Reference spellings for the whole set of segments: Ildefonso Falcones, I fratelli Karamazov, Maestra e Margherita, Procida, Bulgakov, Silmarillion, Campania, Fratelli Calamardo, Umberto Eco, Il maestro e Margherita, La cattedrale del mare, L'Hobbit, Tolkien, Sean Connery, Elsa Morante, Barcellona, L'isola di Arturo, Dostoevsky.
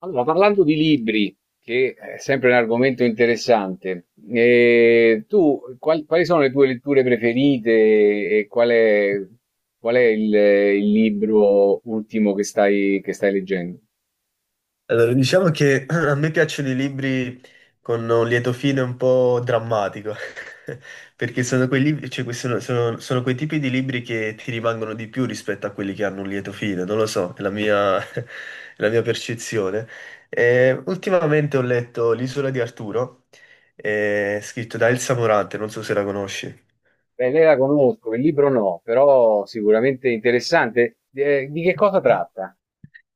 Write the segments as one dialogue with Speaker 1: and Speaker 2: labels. Speaker 1: Allora, parlando di libri, che è sempre un argomento interessante, quali sono le tue letture preferite e qual è il libro ultimo che che stai leggendo?
Speaker 2: Allora, diciamo che a me piacciono i libri con un lieto fine un po' drammatico, perché sono quei libri- cioè, que- sono- sono- sono quei tipi di libri che ti rimangono di più rispetto a quelli che hanno un lieto fine, non lo so, è la mia percezione. Ultimamente ho letto L'isola di Arturo, scritto da Elsa Morante, non so se la conosci.
Speaker 1: Beh, lei la conosco, il libro no, però sicuramente interessante. Di che cosa tratta?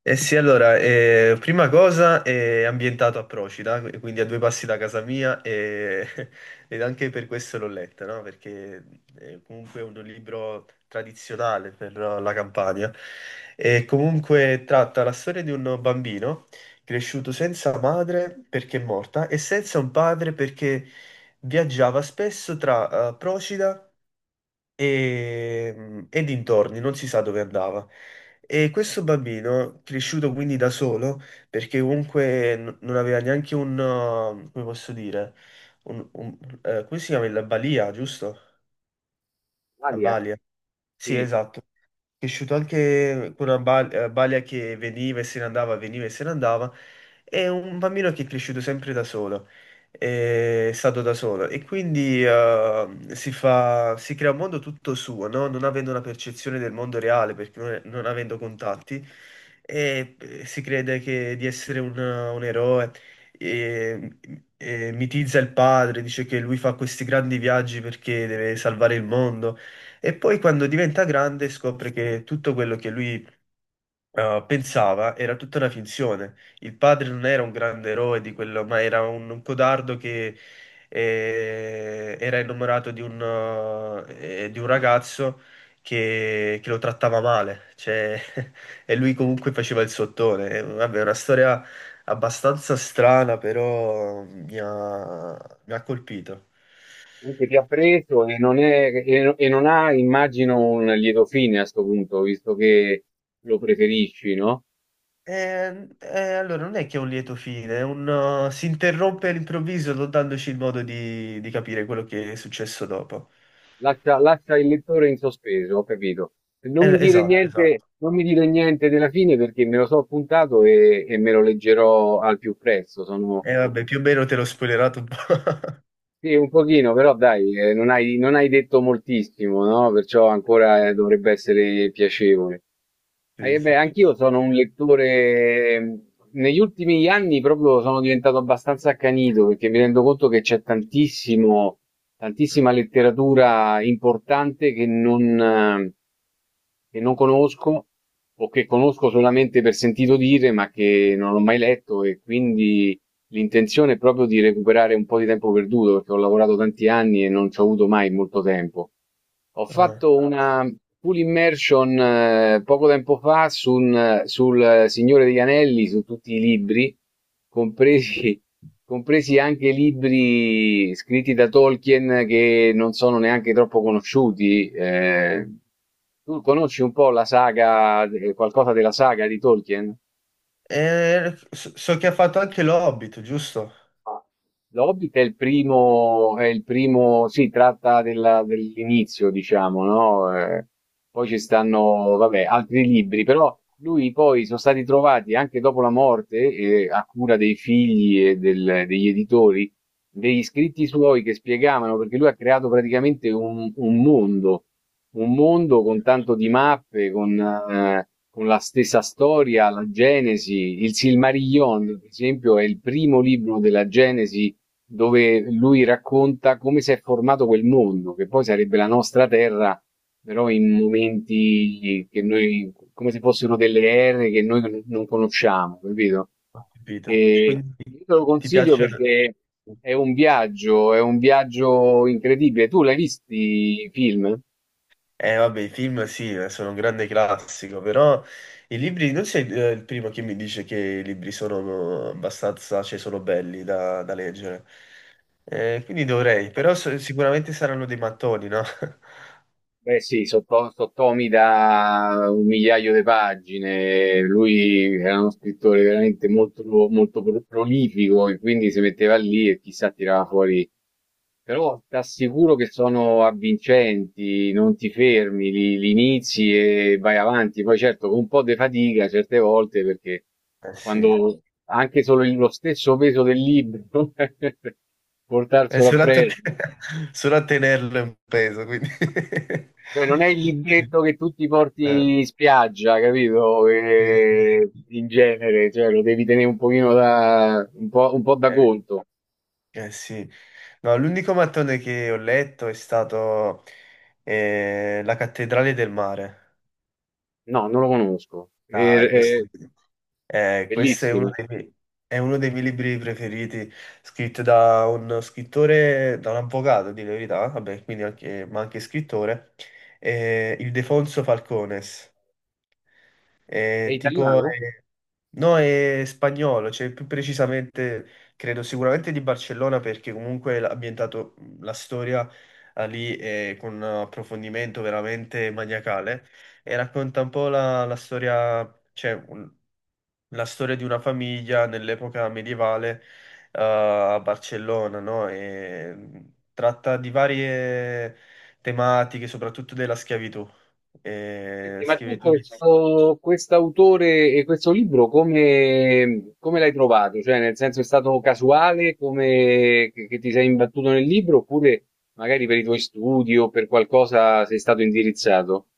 Speaker 2: Eh sì, allora, prima cosa è ambientato a Procida, quindi a due passi da casa mia. Ed anche per questo l'ho letta, no? Perché è comunque è un libro tradizionale per la Campania e comunque tratta la storia di un bambino cresciuto senza madre perché è morta e senza un padre perché viaggiava spesso tra Procida e dintorni, non si sa dove andava. E questo bambino, cresciuto quindi da solo, perché comunque non aveva neanche come posso dire, come si chiama? La balia, giusto? La
Speaker 1: Alia?
Speaker 2: balia. Sì,
Speaker 1: Sì,
Speaker 2: esatto, cresciuto anche con una balia che veniva e se ne andava, veniva e se ne andava, è un bambino che è cresciuto sempre da solo, è stato da solo e quindi si crea un mondo tutto suo, no? Non avendo una percezione del mondo reale, perché non avendo contatti, si di essere un eroe. E e mitizza il padre, dice che lui fa questi grandi viaggi perché deve salvare il mondo. E poi quando diventa grande scopre che tutto quello che lui pensava era tutta una finzione. Il padre non era un grande eroe di quello, ma era un codardo che era innamorato di di un ragazzo che lo trattava male. Cioè, e lui comunque faceva il sottone. Vabbè, è una storia abbastanza strana, però mi ha colpito.
Speaker 1: comunque ti ha preso e e non ha, immagino, un lieto fine a sto punto, visto che lo preferisci, no?
Speaker 2: Allora non è che è un lieto fine, è si interrompe all'improvviso non dandoci il modo di capire quello che è successo dopo.
Speaker 1: Lascia il lettore in sospeso, ho capito. Non mi dire
Speaker 2: Esatto,
Speaker 1: niente,
Speaker 2: esatto.
Speaker 1: non mi dire niente della fine perché me lo so appuntato e me lo leggerò al più presto. Sono,
Speaker 2: E vabbè, più o meno te l'ho spoilerato un po'.
Speaker 1: sì, un pochino, però dai, non hai detto moltissimo, no? Perciò ancora dovrebbe essere piacevole.
Speaker 2: Sì, sì,
Speaker 1: Beh,
Speaker 2: sì.
Speaker 1: anch'io sono un lettore, negli ultimi anni proprio sono diventato abbastanza accanito perché mi rendo conto che c'è tantissimo tantissima letteratura importante che non conosco o che conosco solamente per sentito dire, ma che non ho mai letto e quindi l'intenzione è proprio di recuperare un po' di tempo perduto, perché ho lavorato tanti anni e non ci ho avuto mai molto tempo. Ho
Speaker 2: Ah.
Speaker 1: fatto una full immersion poco tempo fa su sul Signore degli Anelli, su tutti i libri, compresi, compresi anche libri scritti da Tolkien che non sono neanche troppo conosciuti. Tu conosci un po' la saga, qualcosa della saga di Tolkien?
Speaker 2: So, so che ha fatto anche l'Hobbit, giusto?
Speaker 1: L'Hobbit è il primo, sì, tratta dell'inizio, diciamo, no? Poi ci stanno, vabbè, altri libri, però lui poi sono stati trovati anche dopo la morte, a cura dei figli e degli editori, degli scritti suoi che spiegavano, perché lui ha creato praticamente un mondo con tanto di mappe, con la stessa storia, la Genesi, il Silmarillion, per esempio, è il primo libro della Genesi dove lui racconta come si è formato quel mondo, che poi sarebbe la nostra terra, però in momenti che noi, come se fossero delle ere che noi non conosciamo, capito?
Speaker 2: Ho capito.
Speaker 1: E
Speaker 2: Quindi
Speaker 1: io te lo
Speaker 2: ti
Speaker 1: consiglio
Speaker 2: piace?
Speaker 1: perché è un viaggio incredibile. Tu l'hai visti i film?
Speaker 2: Vabbè, i film sì, sono un grande classico, però i libri, non sei il primo che mi dice che i libri sono abbastanza, cioè sono belli da leggere. Quindi dovrei, però sicuramente saranno dei mattoni, no?
Speaker 1: Beh sì, sotto, sottomi da un migliaio di pagine, lui era uno scrittore veramente molto, molto prolifico e quindi si metteva lì e chissà tirava fuori. Però ti assicuro che sono avvincenti, non ti fermi, li inizi e vai avanti. Poi certo con un po' di fatica certe volte perché
Speaker 2: Eh sì,
Speaker 1: quando anche solo lo stesso peso del libro
Speaker 2: è
Speaker 1: portarselo
Speaker 2: solo
Speaker 1: appresso.
Speaker 2: solo a tenerlo in peso, quindi...
Speaker 1: Cioè, non è il libretto che tu ti
Speaker 2: Eh,
Speaker 1: porti in spiaggia, capito?
Speaker 2: sì, sì, sì, sì.
Speaker 1: In genere, cioè, lo devi tenere un pochino da, un po' da
Speaker 2: Eh,
Speaker 1: conto.
Speaker 2: sì. No, l'unico mattone che ho letto è stato La cattedrale del mare.
Speaker 1: No, non lo conosco.
Speaker 2: Ah,
Speaker 1: E-
Speaker 2: questo è uno
Speaker 1: bellissimo.
Speaker 2: è uno dei miei libri preferiti, scritto da uno scrittore, da un avvocato, di la verità, vabbè, quindi anche scrittore, Ildefonso Falcones.
Speaker 1: È
Speaker 2: Tipo,
Speaker 1: italiano?
Speaker 2: no, è spagnolo, cioè più precisamente, credo sicuramente di Barcellona, perché comunque ha ambientato la storia lì con un approfondimento veramente maniacale e racconta un po' la storia, cioè la storia di una famiglia nell'epoca medievale a Barcellona, no? E tratta di varie tematiche, soprattutto della schiavitù. E
Speaker 1: Senti, ma tu
Speaker 2: schiavitù di
Speaker 1: questo, autore e questo libro come, come l'hai trovato? Cioè, nel senso è stato casuale come che ti sei imbattuto nel libro oppure magari per i tuoi studi o per qualcosa sei stato indirizzato?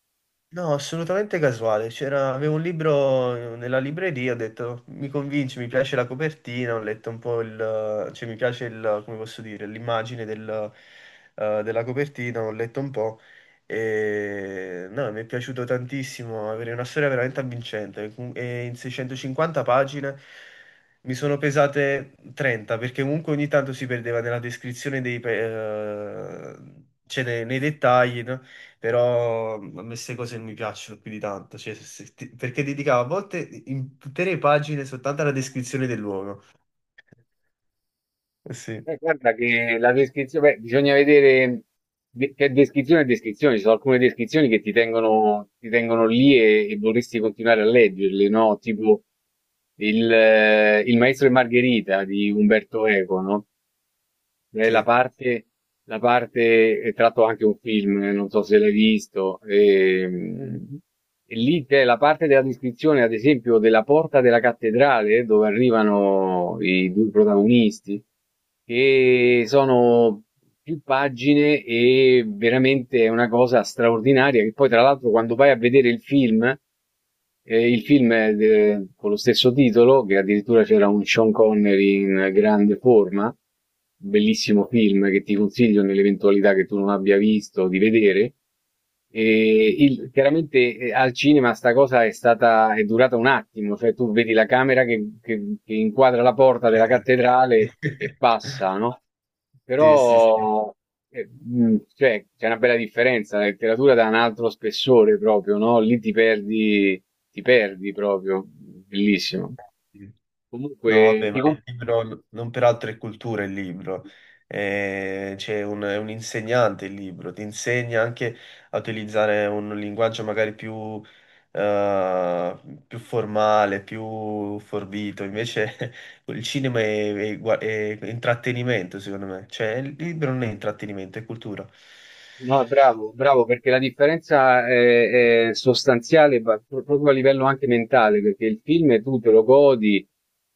Speaker 2: no, assolutamente casuale. C'era, avevo un libro nella libreria, ho detto mi convince, mi piace la copertina, ho letto un po' il, cioè mi piace il, come posso dire, l'immagine del, della copertina, ho letto un po' e no, mi è piaciuto tantissimo, avere una storia veramente avvincente e in 650 pagine mi sono pesate 30 perché comunque ogni tanto si perdeva nella descrizione cioè nei dettagli, no? Però mhmm, a me queste cose non mi piacciono più di tanto, cioè, se- se ti- perché dedicavo a volte intere pagine soltanto alla descrizione del luogo. Sì,
Speaker 1: Guarda che la descrizione, beh, bisogna vedere che descrizione è descrizione, ci sono alcune descrizioni che ti tengono lì e vorresti continuare a leggerle, no? Tipo il Maestro e Margherita di Umberto Eco, no? Eh, la
Speaker 2: sì.
Speaker 1: parte, la parte è tratto anche un film, non so se l'hai visto. E, lì c'è la parte della descrizione, ad esempio, della porta della cattedrale dove arrivano i due protagonisti, che sono più pagine e veramente è una cosa straordinaria. Che poi, tra l'altro, quando vai a vedere il film. E il film è con lo stesso titolo, che addirittura c'era un Sean Connery in grande forma, bellissimo film che ti consiglio nell'eventualità che tu non abbia visto di vedere. Chiaramente al cinema sta cosa è stata, è durata un attimo, cioè tu vedi la camera che inquadra la porta della
Speaker 2: Eh.
Speaker 1: cattedrale e passa, no?
Speaker 2: Sì, sì,
Speaker 1: Però cioè, c'è una bella differenza, la letteratura dà un altro spessore proprio, no? Lì ti perdi proprio, bellissimo.
Speaker 2: sì. No,
Speaker 1: Comunque,
Speaker 2: vabbè, ma il libro non per altre culture, il libro. È un insegnante il libro, ti insegna anche a utilizzare un linguaggio magari più, eh, più formale, più forbito. Invece il cinema è intrattenimento, secondo me. Cioè, il libro non è intrattenimento, è cultura.
Speaker 1: no, bravo, bravo, perché la differenza è sostanziale ma proprio a livello anche mentale, perché il film tu te lo godi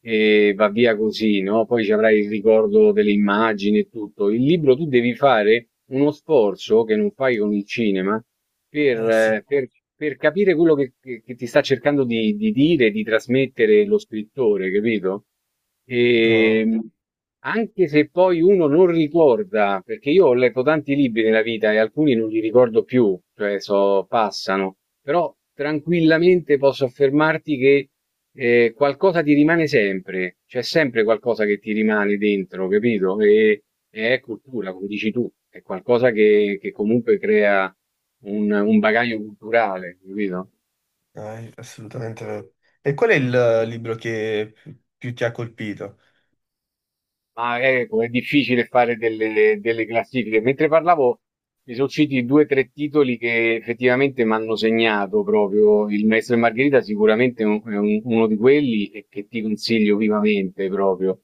Speaker 1: e va via così, no? Poi ci avrai il ricordo delle immagini e tutto. Il libro tu devi fare uno sforzo che non fai con il cinema per,
Speaker 2: Eh sì.
Speaker 1: eh, per- per capire quello che ti sta cercando di dire, di trasmettere lo scrittore, capito? E,
Speaker 2: No,
Speaker 1: anche se poi uno non ricorda, perché io ho letto tanti libri nella vita e alcuni non li ricordo più, cioè so, passano, però tranquillamente posso affermarti che qualcosa ti rimane sempre, c'è sempre qualcosa che ti rimane dentro, capito? E è cultura, come dici tu, è qualcosa che comunque crea un bagaglio culturale, capito?
Speaker 2: dai, assolutamente vero. E qual è il libro che più ti ha colpito?
Speaker 1: Ma ecco, è difficile fare delle classifiche. Mentre parlavo, mi sono usciti due o tre titoli che effettivamente mi hanno segnato proprio. Il Maestro e Margherita sicuramente uno di quelli e che ti consiglio vivamente proprio.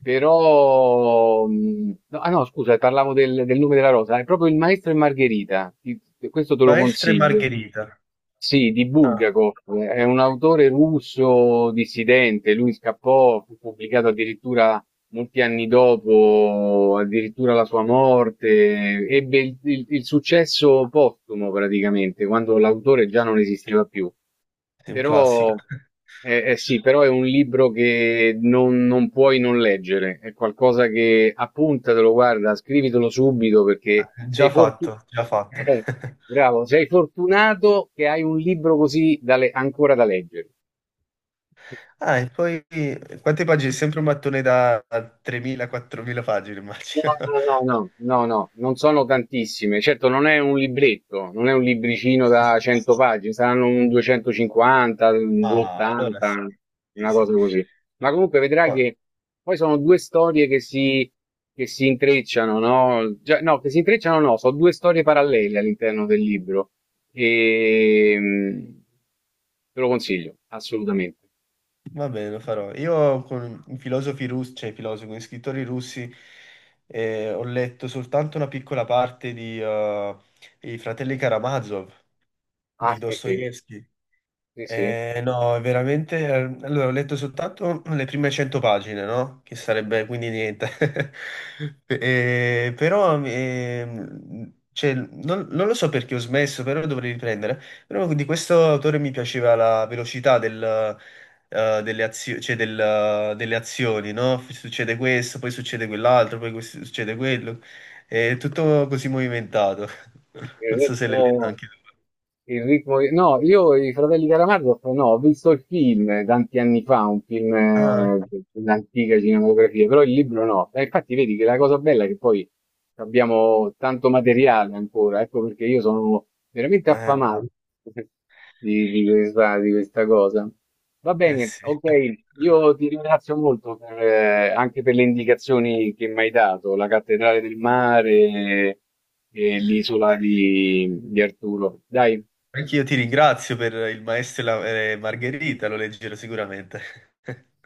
Speaker 1: Però, no, ah no, scusa, parlavo del nome della rosa, è proprio il Maestro e Margherita, questo te lo
Speaker 2: Maestra e
Speaker 1: consiglio.
Speaker 2: Margherita.
Speaker 1: Sì, di
Speaker 2: Ah,
Speaker 1: Bulgakov, è un autore russo dissidente, lui scappò, fu pubblicato addirittura molti anni dopo, addirittura la sua morte, ebbe il successo postumo praticamente, quando l'autore già non esisteva più.
Speaker 2: sì, un classico.
Speaker 1: Però eh sì, però è un libro che non puoi non leggere, è qualcosa che appuntatelo, guarda, scrivitelo subito perché sei
Speaker 2: Già
Speaker 1: fortunato.
Speaker 2: fatto, già fatto.
Speaker 1: Bravo, sei fortunato che hai un libro così da ancora da leggere.
Speaker 2: Ah, e poi quante pagine? Sempre un mattone da 3.000-4.000 pagine,
Speaker 1: No,
Speaker 2: immagino.
Speaker 1: no, no, no, no, non sono tantissime. Certo, non è un libretto, non è un libricino
Speaker 2: Sì, sì,
Speaker 1: da
Speaker 2: sì.
Speaker 1: 100 pagine, saranno un 250, un
Speaker 2: Ah, allora sì.
Speaker 1: 280,
Speaker 2: Sì,
Speaker 1: una
Speaker 2: sì.
Speaker 1: cosa così. Ma comunque vedrai
Speaker 2: Ah,
Speaker 1: che poi sono due storie che si intrecciano, no? Già- no, che si intrecciano no, sono due storie parallele all'interno del libro. E mm, te lo consiglio, assolutamente.
Speaker 2: va bene, lo farò. Io con i filosofi russi, cioè i filosofi, con gli scrittori russi, ho letto soltanto una piccola parte di I fratelli Karamazov
Speaker 1: Ah,
Speaker 2: di
Speaker 1: sì, sì,
Speaker 2: Dostoevsky.
Speaker 1: sì, sì.
Speaker 2: No, è veramente... Allora, ho letto soltanto le prime 100 pagine, no? Che sarebbe quindi niente. Però, cioè, non lo so perché ho smesso, però dovrei riprendere. Però di questo autore mi piaceva la velocità del, cioè delle azioni, no? Succede questo, poi succede quell'altro, succede quello. È tutto così movimentato.
Speaker 1: Il
Speaker 2: Non so se l'hai letto
Speaker 1: ritmo-
Speaker 2: anche tu.
Speaker 1: Il ritmo, no, io i Fratelli Calamardo, no, ho visto il film tanti anni fa, un film
Speaker 2: Ah,
Speaker 1: dell'antica cinematografia, però il libro no. E infatti vedi che la cosa bella è che poi abbiamo tanto materiale ancora, ecco perché io sono veramente
Speaker 2: eh, ma-
Speaker 1: affamato di questa cosa. Va
Speaker 2: Eh
Speaker 1: bene,
Speaker 2: sì.
Speaker 1: ok, io ti ringrazio molto per, anche per le indicazioni che mi hai dato, la cattedrale del mare e l'isola di Arturo. Dai,
Speaker 2: Anch'io ti ringrazio per il maestro e Margherita, lo leggerò sicuramente.